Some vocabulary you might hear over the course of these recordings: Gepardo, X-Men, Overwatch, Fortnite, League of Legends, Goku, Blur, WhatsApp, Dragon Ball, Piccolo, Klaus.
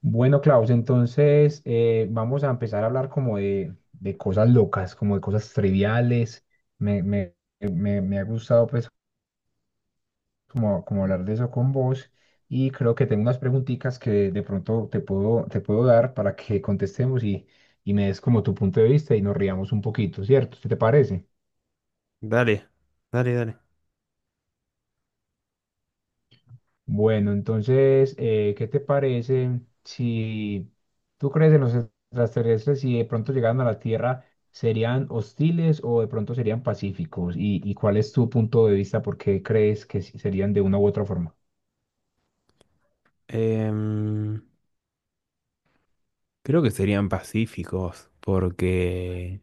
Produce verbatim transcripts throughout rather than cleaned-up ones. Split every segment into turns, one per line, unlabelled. Bueno, Klaus, entonces eh, vamos a empezar a hablar como de, de cosas locas, como de cosas triviales. Me, me, me, me ha gustado pues como, como hablar de eso con vos y creo que tengo unas preguntitas que de pronto te puedo, te puedo dar para que contestemos y, y me des como tu punto de vista y nos riamos un poquito, ¿cierto? ¿Qué te parece?
Dale, dale, dale.
Bueno, entonces, eh, ¿qué te parece si tú crees en los extraterrestres y de pronto llegaran a la Tierra, serían hostiles o de pronto serían pacíficos? ¿Y, y cuál es tu punto de vista? ¿Por qué crees que sí serían de una u otra forma?
Em, Creo que serían pacíficos, porque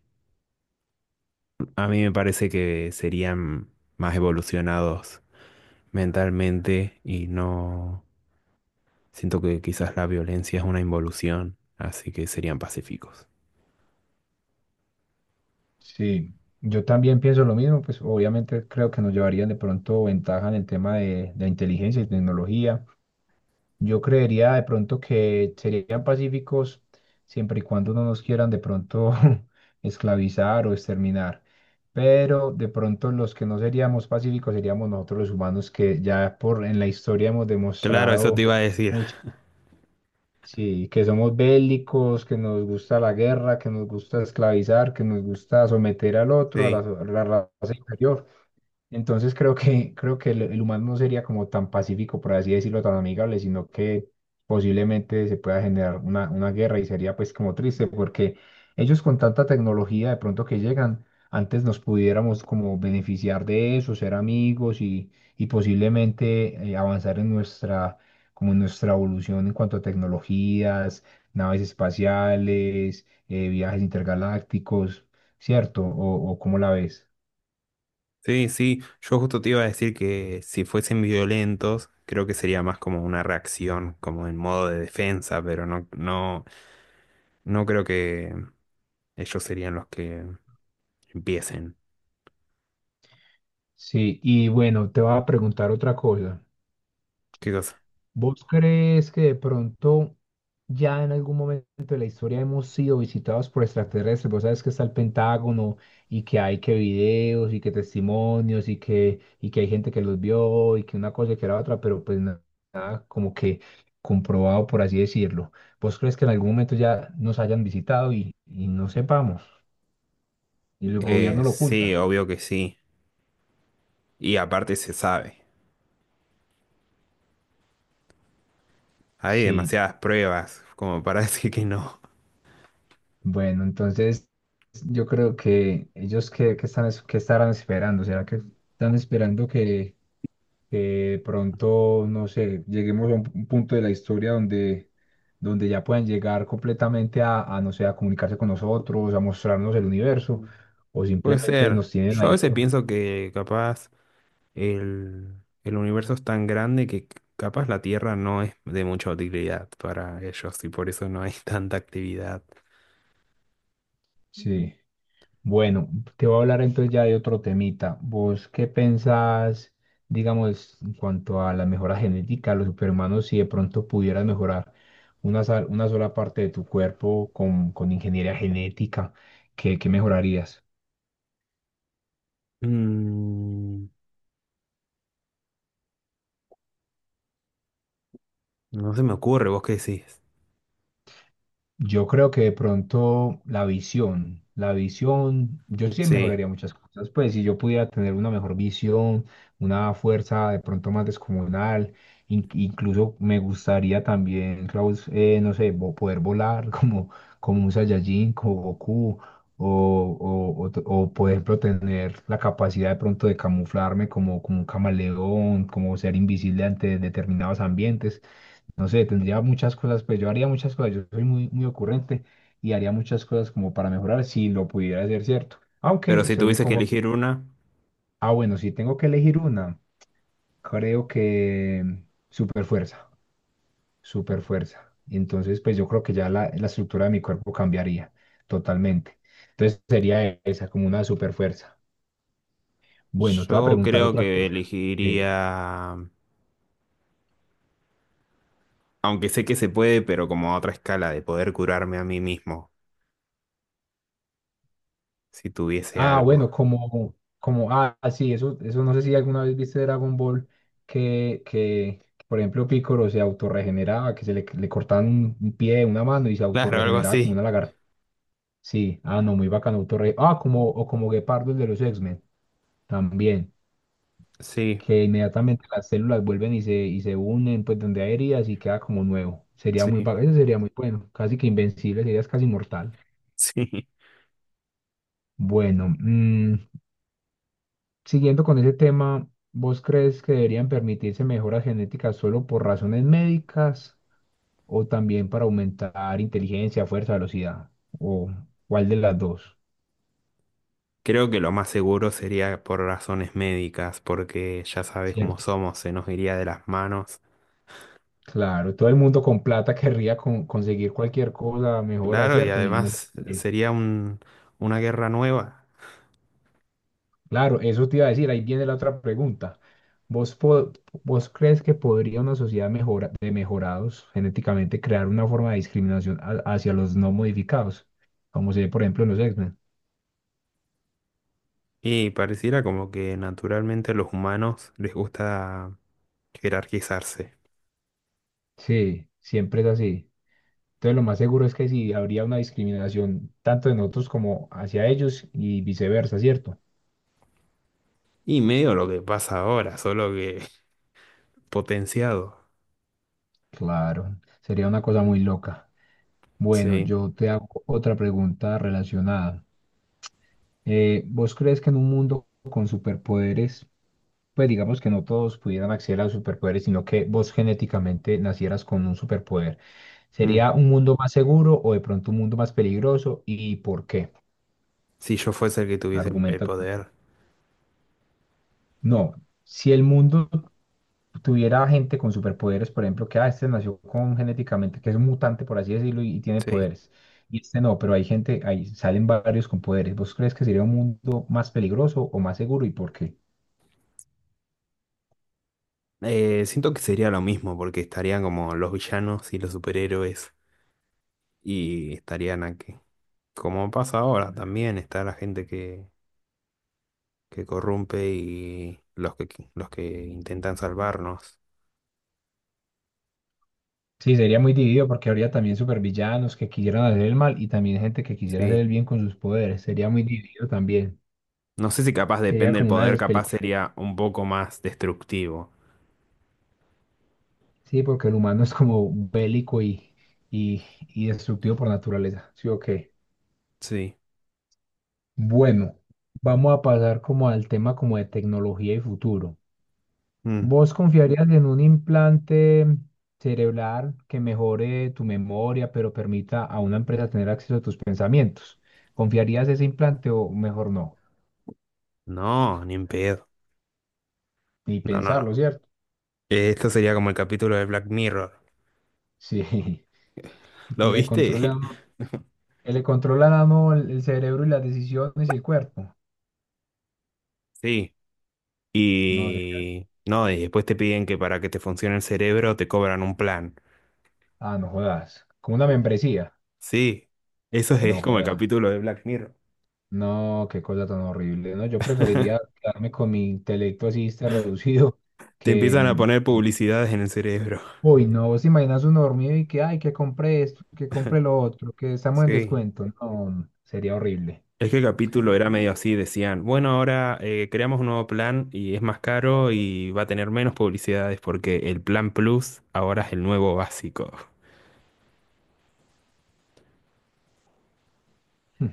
a mí me parece que serían más evolucionados mentalmente y no siento que quizás la violencia es una involución, así que serían pacíficos.
Sí, yo también pienso lo mismo, pues obviamente creo que nos llevarían de pronto ventaja en el tema de, de inteligencia y tecnología. Yo creería de pronto que serían pacíficos siempre y cuando no nos quieran de pronto esclavizar o exterminar. Pero de pronto los que no seríamos pacíficos seríamos nosotros los humanos que ya por en la historia hemos
Claro, eso te
demostrado
iba a decir.
mucho, sí, que somos bélicos, que nos gusta la guerra, que nos gusta esclavizar, que nos gusta someter al otro, a
Sí,
la, so- a la raza inferior. Entonces creo que, creo que el, el humano no sería como tan pacífico, por así decirlo, tan amigable, sino que posiblemente se pueda generar una, una guerra y sería pues como triste porque ellos con tanta tecnología de pronto que llegan, antes nos pudiéramos como beneficiar de eso, ser amigos y, y posiblemente eh, avanzar en nuestra, como en nuestra evolución en cuanto a tecnologías, naves espaciales, eh, viajes intergalácticos, ¿cierto? ¿O, o cómo la ves?
sí, sí. Yo justo te iba a decir que si fuesen violentos, creo que sería más como una reacción, como en modo de defensa, pero no, no, no creo que ellos serían los que empiecen.
Sí, y bueno, te voy a preguntar otra cosa.
¿Qué cosa?
¿Vos crees que de pronto ya en algún momento de la historia hemos sido visitados por extraterrestres? Vos sabes que está el Pentágono y que hay que videos y que testimonios y que, y que hay gente que los vio y que una cosa y que la otra, pero pues na- nada, como que comprobado, por así decirlo. ¿Vos crees que en algún momento ya nos hayan visitado y, y no sepamos y el
Eh,
gobierno lo
sí,
oculta?
obvio que sí. Y aparte se sabe. Hay
Sí.
demasiadas pruebas como para decir que no.
Bueno, entonces yo creo que ellos que, están, es- qué estarán esperando. ¿Será que están esperando que, que de pronto, no sé, lleguemos a un, un punto de la historia donde, donde ya puedan llegar completamente a, a, no sé, a comunicarse.
Puede ser. Yo a veces pienso que capaz el, el universo es tan grande que capaz la Tierra no es de mucha utilidad para ellos y por eso no hay tanta actividad.
Bueno, te voy a hablar entonces ya de otro temita. ¿Vos qué pensás, digamos, en cuanto a la mejora genética los superhumanos, si de pronto pudieras mejorar una, sal- una sola parte de tu cuerpo con, con ingeniería genética, ¿qué, qué mejorarías?
Mm, no se me ocurre, ¿vos qué decís?
Yo creo que de pronto la visión, la visión, yo sí
Sí,
mejoraría muchas cosas, pues si yo pudiera tener una mejor visión, una fuerza de pronto más descomunal, in- incluso me gustaría también, Klaus, eh, no sé, vo- poder volar como, como un Saiyajin, como Goku, o, o, o, t- o, por ejemplo tener la capacidad de pronto de camuflarme como, como un camaleón, como ser invisible ante determinados ambientes, no sé, tendría muchas cosas, pues yo haría muchas cosas, yo soy muy, muy ocurrente y haría muchas cosas como para mejorar si lo pudiera hacer, ¿cierto?
pero
Aunque
si
soy muy
tuviese que
conforme.
elegir una,
Ah, bueno, si tengo que elegir una, creo que super fuerza, super fuerza. Entonces, pues yo creo que ya la, la estructura de mi cuerpo cambiaría totalmente. Entonces sería esa, como una super fuerza. Bueno, te voy a
yo
preguntar
creo
otra
que
cosa. Sí.
elegiría... Aunque sé que se puede, pero como a otra escala de poder curarme a mí mismo, si tuviese
Ah,
algo.
bueno, como, como, ah, sí, eso, eso no sé si alguna vez viste Dragon Ball que, que, por ejemplo, Piccolo se autorregeneraba, que se le, le cortaban un, un pie, una mano y se
Claro, algo
autorregeneraba como una
así.
lagartija. Sí, ah, no, muy bacano, autorre- Ah, como, o como Gepardo el de los X-Men, también,
Sí,
que inmediatamente las células vuelven y se, y se unen, pues donde hay heridas y queda como nuevo. Sería muy
sí,
bacano, eso sería muy bueno, casi que invencible, serías casi inmortal.
sí.
Bueno, mm, siguiendo con ese tema, ¿vos crees que deberían permitirse mejoras genéticas solo por razones médicas o también para aumentar inteligencia, fuerza, velocidad? ¿O cuál de las dos?
Creo que lo más seguro sería por razones médicas, porque ya sabes cómo
¿Cierto?
somos, se nos iría de las manos.
Claro, todo el mundo con plata querría con- conseguir cualquier cosa mejora,
Claro, y
¿cierto? Y no se
además
puede.
sería un, una guerra nueva.
Claro, eso te iba a decir, ahí viene la otra pregunta. ¿Vos, po- vos crees que podría una sociedad mejora, de mejorados genéticamente crear una forma de discriminación a- hacia los no modificados? Como se ve, por ejemplo, en los x.
Y pareciera como que naturalmente a los humanos les gusta jerarquizarse.
Sí, siempre es así. Entonces lo más seguro es que sí habría una discriminación tanto de nosotros como hacia ellos y viceversa, ¿cierto?
Y medio lo que pasa ahora, solo que potenciado.
Claro, sería una cosa muy loca. Bueno,
Sí.
yo te hago otra pregunta relacionada. Eh, ¿vos crees que en un mundo con superpoderes, pues digamos que no todos pudieran acceder a los superpoderes, sino que vos genéticamente nacieras con un superpoder,
Mm.
¿sería un mundo más seguro o de pronto un mundo más peligroso y por qué?
Si yo fuese el que tuviese el el
Argumenta tú.
poder,
No, si el mundo tuviera gente con superpoderes, por ejemplo, que ah, este nació con genéticamente, que es un mutante, por así decirlo, y, y tiene
sí.
poderes. Y este no, pero hay gente, ahí salen varios con poderes. ¿Vos crees que sería un mundo más peligroso o más seguro y por qué?
Eh, siento que sería lo mismo, porque estarían como los villanos y los superhéroes, y estarían aquí. Como pasa ahora, también está la gente que, que corrompe y los que, los que intentan salvarnos.
Sí, sería muy dividido porque habría también supervillanos que quisieran hacer el mal y también gente que quisiera hacer
Sí.
el bien con sus poderes. Sería muy dividido también.
No sé si capaz
Sería
depende del
como una de
poder,
esas
capaz
películas. De-
sería un poco más destructivo.
Sí, porque el humano es como bélico y, y, y destructivo por naturaleza. Sí, ok.
Sí.
Bueno, vamos a pasar como al tema como de tecnología y futuro.
Mm.
¿Vos confiarías en un implante cerebral que mejore tu memoria, pero permita a una empresa tener acceso a tus pensamientos? ¿Confiarías ese implante o mejor no?
No, ni en pedo.
Ni
No, no,
pensarlo,
no.
¿cierto?
Eh, esto sería como el capítulo de Black Mirror.
Sí, que
¿Lo
le controla,
viste?
que le controlan a uno el, el cerebro y las decisiones y el cuerpo.
Sí.
No sé.
Y no, y después te piden que para que te funcione el cerebro te cobran un plan.
Ah, no jodas. Como una membresía.
Sí, eso es, es
No
como el
jodas.
capítulo de Black Mirror.
No, qué cosa tan horrible, ¿no? Yo preferiría quedarme con mi intelecto así este reducido
Te
que
empiezan a
me...
poner publicidades en el cerebro.
Uy, no, vos te imaginas uno dormido y que, ay, que compré esto, que compré lo otro, que estamos en
Sí.
descuento. No, sería horrible.
Es que el capítulo era medio así, decían, bueno, ahora eh, creamos un nuevo plan y es más caro y va a tener menos publicidades porque el plan Plus ahora es el nuevo básico.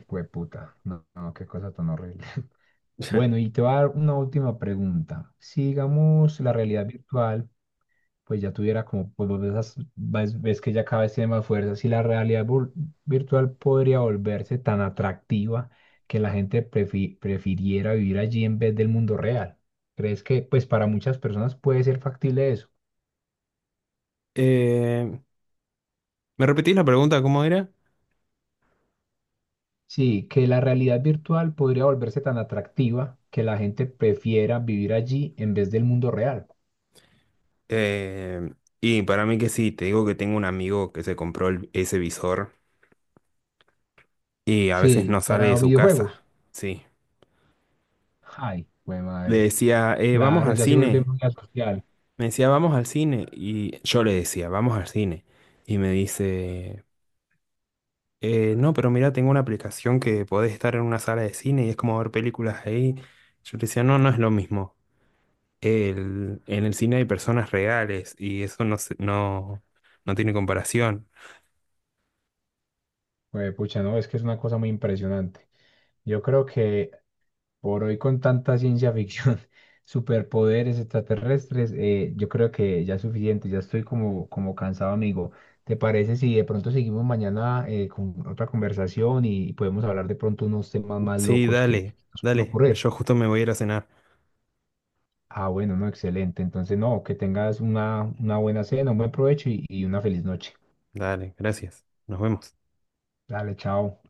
Pues puta, no, no, qué cosa tan horrible. Bueno, y te voy a dar una última pregunta. Si digamos la realidad virtual, pues ya tuviera como, pues vos ves, as- ves- ves que ya cada vez tiene más fuerza, si la realidad vul- virtual podría volverse tan atractiva que la gente prefi- prefiriera vivir allí en vez del mundo real. ¿Crees que, pues para muchas personas puede ser factible eso?
Eh, ¿me repetís la pregunta cómo era?
Sí, que la realidad virtual podría volverse tan atractiva que la gente prefiera vivir allí en vez del mundo real.
Eh, y para mí que sí, te digo que tengo un amigo que se compró el- ese visor y a veces no
Sí,
sale de
para
su casa,
videojuegos.
sí.
Ay, güey
Le
madre.
decía, "Eh, vamos
Claro,
al
ya se vuelve
cine".
muy asocial.
Me decía, vamos al cine. Y yo le decía, vamos al cine. Y me dice, "Eh, no, pero mira, tengo una aplicación que podés estar en una sala de cine y es como ver películas ahí". Yo le decía, no, no es lo mismo. El- en el cine hay personas reales y eso no, se- no, no tiene comparación.
Güey, pucha, no, es que es una cosa muy impresionante. Yo creo que por hoy con tanta ciencia ficción, superpoderes extraterrestres, eh, yo creo que ya es suficiente, ya estoy como, como cansado, amigo. ¿Te parece si de pronto seguimos mañana eh, con otra conversación y podemos hablar de pronto unos temas más
Sí,
locos que
dale,
nos pueden
dale.
ocurrir?
Yo justo me voy a ir a cenar.
Ah, bueno, no, excelente. Entonces, no, que tengas una, una buena cena, un buen provecho y y una feliz noche.
Dale, gracias. Nos vemos.
Dale, chao.